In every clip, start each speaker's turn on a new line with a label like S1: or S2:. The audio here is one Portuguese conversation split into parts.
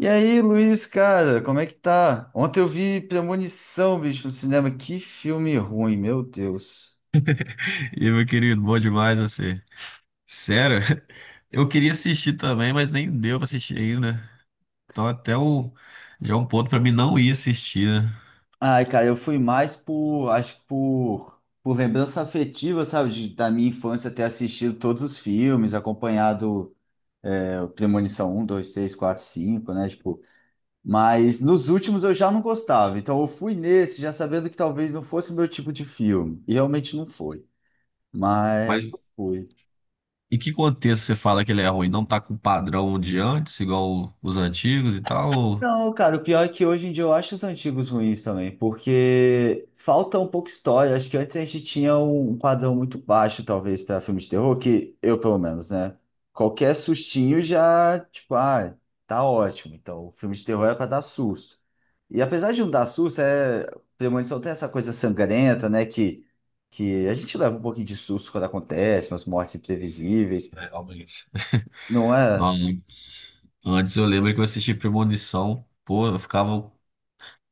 S1: E aí, Luiz, cara, como é que tá? Ontem eu vi Premonição, bicho, no cinema. Que filme ruim, meu Deus.
S2: E aí, meu querido, bom demais você. Sério, eu queria assistir também, mas nem deu pra assistir ainda. Então até o já é um ponto pra mim não ir assistir, né?
S1: Ai, cara, eu fui mais por, acho que por lembrança afetiva, sabe, da minha infância ter assistido todos os filmes, acompanhado o Premonição 1, 2, 3, 4, 5, né, tipo, mas nos últimos eu já não gostava, então eu fui nesse já sabendo que talvez não fosse o meu tipo de filme, e realmente não foi, mas
S2: Mas
S1: fui.
S2: em que contexto você fala que ele é ruim? Não tá com o padrão de antes, igual os antigos e tal? Ou-
S1: Não, cara, o pior é que hoje em dia eu acho os antigos ruins também, porque falta um pouco história. Acho que antes a gente tinha um padrão muito baixo, talvez, para filme de terror, que eu, pelo menos, né? Qualquer sustinho já, tipo, ah, tá ótimo. Então, o filme de terror é para dar susto. E apesar de não dar susto. Premonição tem essa coisa sangrenta, né? Que a gente leva um pouquinho de susto quando acontece, umas mortes imprevisíveis,
S2: é, realmente.
S1: não
S2: Não,
S1: é?
S2: antes, antes eu lembro que eu assisti Premonição, pô, eu ficava,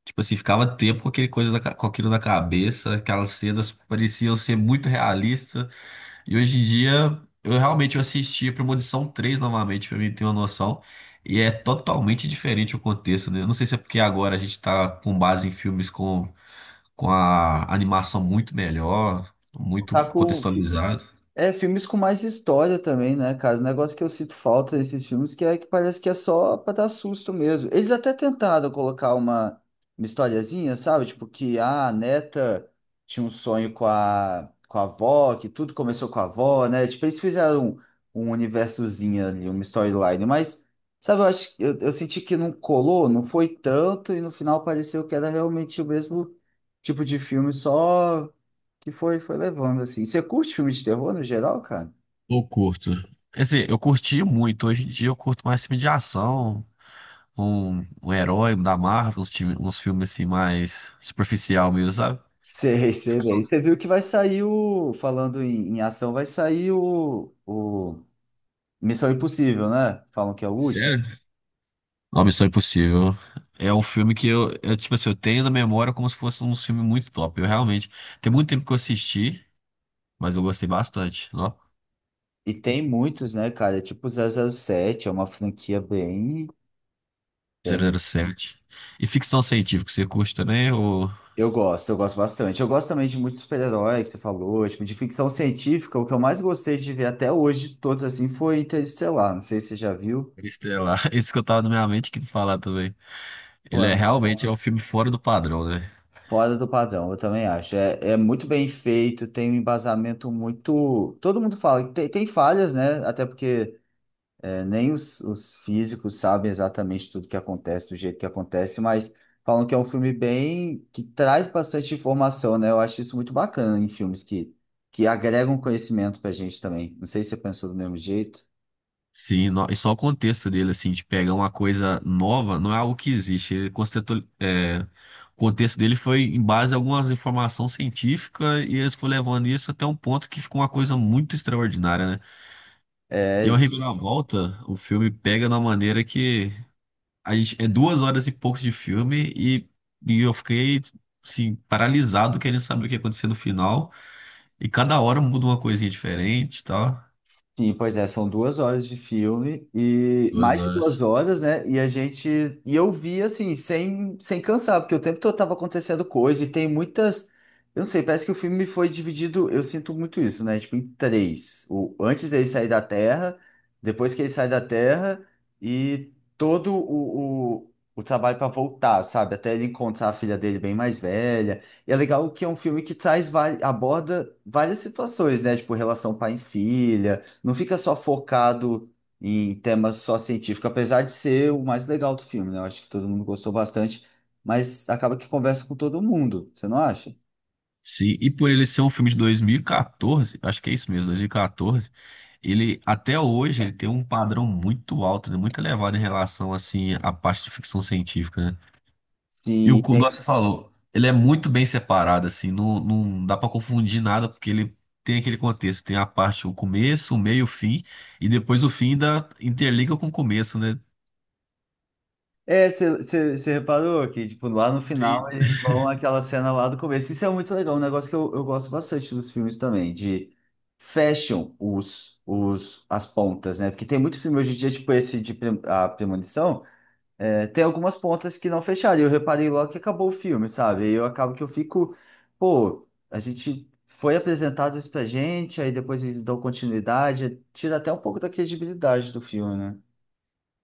S2: tipo assim, ficava tempo com aquele coisa da ca- com aquilo na cabeça, aquelas cenas pareciam ser muito realistas. E hoje em dia, eu realmente eu assisti a Premonição três novamente, pra mim ter uma noção. E é totalmente diferente o contexto, né? Eu não sei se é porque agora a gente tá com base em filmes com a animação muito melhor, muito
S1: Tá com
S2: contextualizado.
S1: É, filmes com mais história também, né, cara? O negócio que eu sinto falta desses filmes que é que parece que é só pra dar susto mesmo. Eles até tentaram colocar uma historiazinha, sabe? Tipo que ah, a neta tinha um sonho com a, avó, que tudo começou com a avó, né? Tipo, eles fizeram um universozinho ali, uma storyline, mas, sabe, eu acho, eu senti que não colou, não foi tanto, e no final pareceu que era realmente o mesmo tipo de filme, só que foi, foi levando, assim. Você curte filme de terror no geral, cara?
S2: Eu curto. Quer dizer, eu curti muito. Hoje em dia eu curto mais filme de ação, um herói da Marvel, uns, time- uns filmes assim mais superficial mesmo, sabe?
S1: Sei, sei
S2: Ação.
S1: bem. Você viu que vai sair o. Falando em ação, vai sair o Missão Impossível, né? Falam que é o último.
S2: Sério? Uma Missão Impossível. É um filme que eu, tipo assim, eu tenho na memória como se fosse um filme muito top. Eu realmente. Tem muito tempo que eu assisti, mas eu gostei bastante. Ó,
S1: E tem muitos, né, cara? É tipo zero zero sete é uma franquia bem,
S2: zero
S1: bem.
S2: zero sete. E ficção científica, você curte também? Ou.
S1: Eu gosto bastante. Eu gosto também de muitos super-heróis que você falou, tipo, de ficção científica. O que eu mais gostei de ver até hoje, de todos assim, foi Interestelar. Não sei se você já viu.
S2: Interestelar? Esse que eu tava na minha mente que falar também.
S1: Pô,
S2: Ele
S1: é
S2: é
S1: muito bom.
S2: realmente é um filme fora do padrão, né?
S1: Fora do padrão, eu também acho. É, é muito bem feito, tem um embasamento muito. Todo mundo fala, que tem falhas, né? Até porque nem os físicos sabem exatamente tudo que acontece, do jeito que acontece, mas falam que é um filme bem que traz bastante informação, né? Eu acho isso muito bacana em filmes que agregam conhecimento pra gente também. Não sei se você pensou do mesmo jeito.
S2: Sim, no- e só o contexto dele, assim, de pegar uma coisa nova, não é algo que existe. Ele constitu- é, o contexto dele foi em base a algumas informações científicas e eles foram levando isso até um ponto que ficou uma coisa muito extraordinária, né?
S1: É,
S2: E é uma reviravolta, o filme pega de uma maneira que a gente, é duas horas e poucos de filme e eu fiquei, assim, paralisado querendo saber o que ia acontecer no final. E cada hora muda uma coisinha diferente e tal.
S1: sim, pois é, são duas horas de filme e
S2: Duas
S1: mais de duas
S2: horas.
S1: horas, né? E a gente e eu vi assim sem cansar, porque o tempo todo tava acontecendo coisa e tem muitas, eu não sei, parece que o filme foi dividido, eu sinto muito isso, né? Tipo em três, o antes dele sair da Terra, depois que ele sai da Terra e todo o trabalho para voltar, sabe? Até ele encontrar a filha dele bem mais velha. E é legal que é um filme que traz aborda várias situações, né? Tipo relação pai e filha não fica só focado em temas só científicos, apesar de ser o mais legal do filme, né? Eu acho que todo mundo gostou bastante, mas acaba que conversa com todo mundo, você não acha?
S2: Sim, e por ele ser um filme de 2014, acho que é isso mesmo, 2014, ele até hoje ele tem um padrão muito alto, né, muito elevado em relação assim à parte de ficção científica, né? E o
S1: Sim.
S2: que você falou, ele é muito bem separado assim, não, não dá para confundir nada porque ele tem aquele contexto, tem a parte o começo, o meio, o fim e depois o fim ainda interliga com o começo, né?
S1: É, você reparou que, tipo, lá no final
S2: Sim.
S1: eles vão àquela cena lá do começo. Isso é muito legal, um negócio que eu gosto bastante dos filmes também, de fecham as pontas, né? Porque tem muito filme hoje em dia, tipo esse de a premonição, é, tem algumas pontas que não fecharam. E eu reparei logo que acabou o filme, sabe? E eu acabo que eu fico, pô, a gente foi apresentado isso pra gente, aí depois eles dão continuidade, tira até um pouco da credibilidade do filme, né?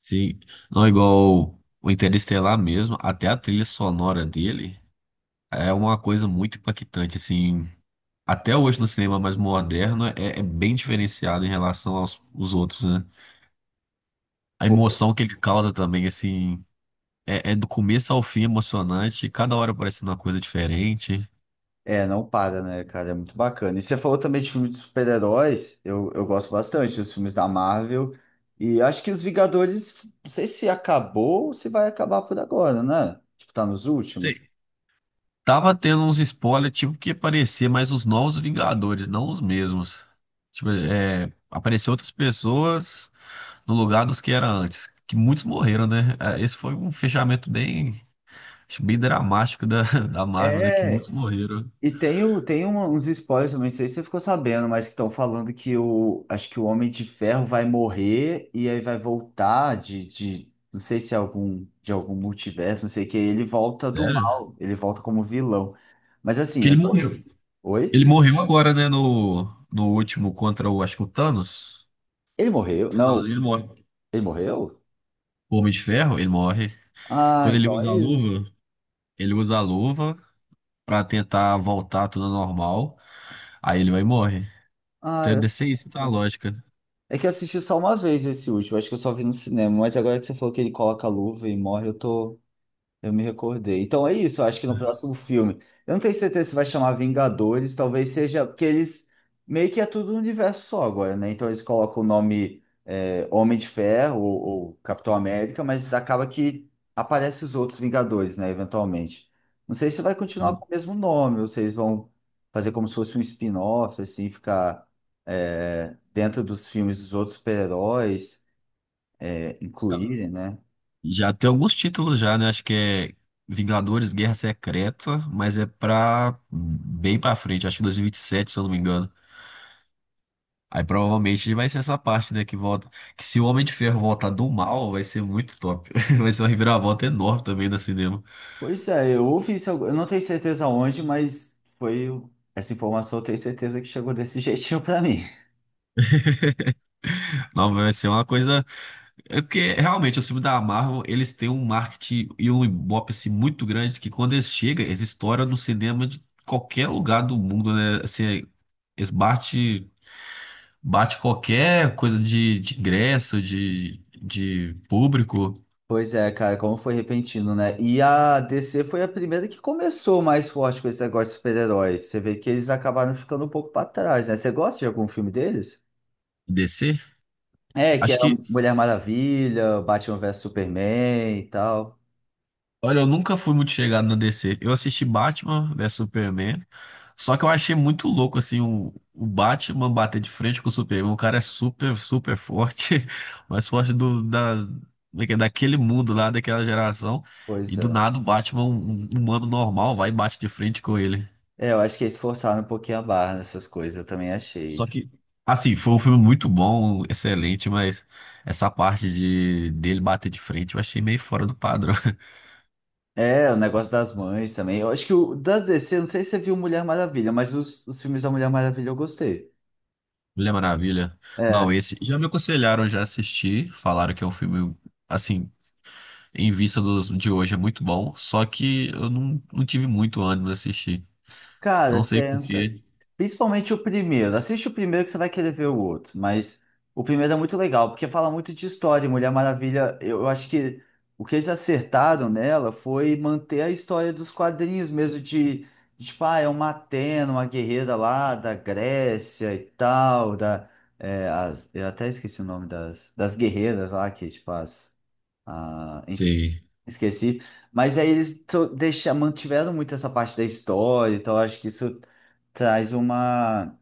S2: Sim, não é igual o Interestelar mesmo, até a trilha sonora dele é uma coisa muito impactante, assim. Até hoje no cinema mais moderno é, é bem diferenciado em relação aos os outros, né? A
S1: Pô,
S2: emoção que ele causa também, assim, é, é do começo ao fim emocionante, cada hora parecendo uma coisa diferente.
S1: é, não para, né, cara? É muito bacana. E você falou também de filme de super-heróis, eu gosto bastante dos filmes da Marvel. E acho que os Vingadores, não sei se acabou ou se vai acabar por agora, né? Tipo, tá nos últimos.
S2: Sei. Tava tendo uns spoilers, tipo, que aparecer mais os novos Vingadores, não os mesmos. Tipo, é, apareceu outras pessoas no lugar dos que era antes, que muitos morreram, né? É, esse foi um fechamento bem, acho, bem dramático da, da Marvel, né? Que muitos
S1: É.
S2: morreram.
S1: E tem uns spoilers, eu não sei se você ficou sabendo, mas que estão falando que o Homem de Ferro vai morrer e aí vai voltar de não sei se é algum, de algum multiverso, não sei o que, ele volta do
S2: Sério?
S1: mal, ele volta como vilão. Mas
S2: Que
S1: assim, é
S2: ele
S1: só.
S2: morreu.
S1: Oi?
S2: Ele morreu agora, né? No, no último contra o, acho que o Thanos.
S1: Ele morreu?
S2: No
S1: Não,
S2: finalzinho ele morre.
S1: ele morreu?
S2: O Homem de Ferro, ele morre.
S1: Ah,
S2: Quando ele
S1: então
S2: usa
S1: é
S2: a
S1: isso.
S2: luva, ele usa a luva pra tentar voltar tudo ao normal. Aí ele vai e morre.
S1: Ah,
S2: Então deve ser isso, tá a
S1: não.
S2: lógica.
S1: É que eu assisti só uma vez esse último, acho que eu só vi no cinema, mas agora que você falou que ele coloca a luva e morre. Eu me recordei. Então é isso, eu acho que no próximo filme. Eu não tenho certeza se vai chamar Vingadores, talvez seja, porque eles meio que é tudo um universo só agora, né? Então eles colocam o nome Homem de Ferro ou, Capitão América, mas acaba que aparece os outros Vingadores, né? Eventualmente. Não sei se vai continuar com o mesmo nome, ou se eles vão fazer como se fosse um spin-off, assim, ficar dentro dos filmes dos outros super-heróis,
S2: Tá.
S1: incluírem, né?
S2: Já tem alguns títulos já, né? Acho que é Vingadores Guerra Secreta, mas é pra bem pra frente. Acho que 2027, se eu não me engano. Aí provavelmente vai ser essa parte, né, que volta. Que se o Homem de Ferro voltar do mal, vai ser muito top. Vai ser uma reviravolta enorme também no cinema.
S1: Pois é, eu ouvi isso, eu não tenho certeza onde, mas foi essa informação, eu tenho certeza que chegou desse jeitinho pra mim.
S2: Não, vai ser uma coisa. É porque realmente, os filmes da Marvel, eles têm um marketing e um ibope assim, muito grande que quando eles chegam, eles estouram no cinema de qualquer lugar do mundo, né? Assim, eles bate, bate qualquer coisa de ingresso, de público,
S1: Pois é, cara, como foi repentino, né? E a DC foi a primeira que começou mais forte com esse negócio de super-heróis. Você vê que eles acabaram ficando um pouco pra trás, né? Você gosta de algum filme deles?
S2: DC.
S1: É, que
S2: Acho
S1: era
S2: que
S1: Mulher Maravilha, Batman vs Superman e tal.
S2: olha, eu nunca fui muito chegado na DC. Eu assisti Batman vs Superman, só que eu achei muito louco, assim, o Batman bater de frente com o Superman. O cara é super, super forte, mais forte do, da, como é que é? Daquele mundo lá, daquela geração. E
S1: Pois
S2: do
S1: é.
S2: nada o Batman, um humano normal, vai e bate de frente com ele.
S1: É, eu acho que eles forçaram um pouquinho a barra nessas coisas, eu também achei.
S2: Só que, assim, foi um filme muito bom, excelente, mas essa parte de dele bater de frente eu achei meio fora do padrão.
S1: É, o negócio das mães também. Eu acho que o das DC, eu não sei se você viu Mulher Maravilha, mas os filmes da Mulher Maravilha eu gostei.
S2: Mulher Maravilha.
S1: É,
S2: Não, esse já me aconselharam, já assisti, falaram que é um filme assim, em vista dos de hoje é muito bom, só que eu não, não tive muito ânimo de assistir.
S1: cara,
S2: Não sei por
S1: tenta.
S2: quê.
S1: Principalmente o primeiro. Assiste o primeiro que você vai querer ver o outro. Mas o primeiro é muito legal, porque fala muito de história. E Mulher Maravilha, eu acho que o que eles acertaram nela foi manter a história dos quadrinhos mesmo, de, tipo, ah, é uma Atena, uma guerreira lá da Grécia e tal, eu até esqueci o nome das guerreiras lá, que, tipo, enfim.
S2: Sim.
S1: Esqueci. Mas aí eles deixa, mantiveram muito essa parte da história, então eu acho que isso traz uma,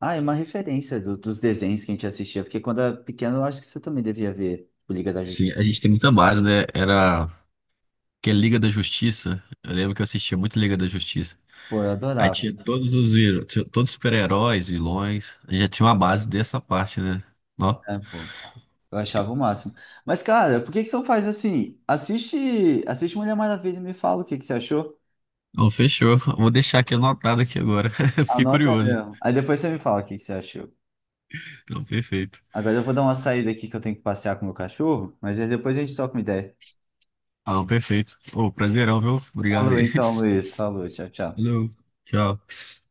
S1: ah, é uma referência dos desenhos que a gente assistia, porque quando era pequeno eu acho que você também devia ver o Liga da Justiça.
S2: Sim, a gente tem muita base, né? Era que é Liga da Justiça. Eu lembro que eu assistia muito Liga da Justiça.
S1: Pô, eu
S2: Aí
S1: adorava,
S2: tinha todos os vilões, todos os super-heróis, vilões. A gente já tinha uma base dessa parte, né? Ó,
S1: né, pô? Eu achava o máximo. Mas, cara, por que que você não faz assim? Assiste Mulher Maravilha e me fala o que que você achou.
S2: então fechou. Vou deixar aqui anotado aqui agora. Fiquei
S1: Anota
S2: curioso.
S1: mesmo. Aí depois você me fala o que que você achou.
S2: Então, perfeito.
S1: Agora eu vou dar uma saída aqui que eu tenho que passear com o meu cachorro, mas aí depois a gente toca uma ideia.
S2: Ah, perfeito. Ô, prazerão, viu? Obrigado
S1: Falou
S2: aí.
S1: então, Luiz. Falou, tchau, tchau.
S2: Valeu. Tchau.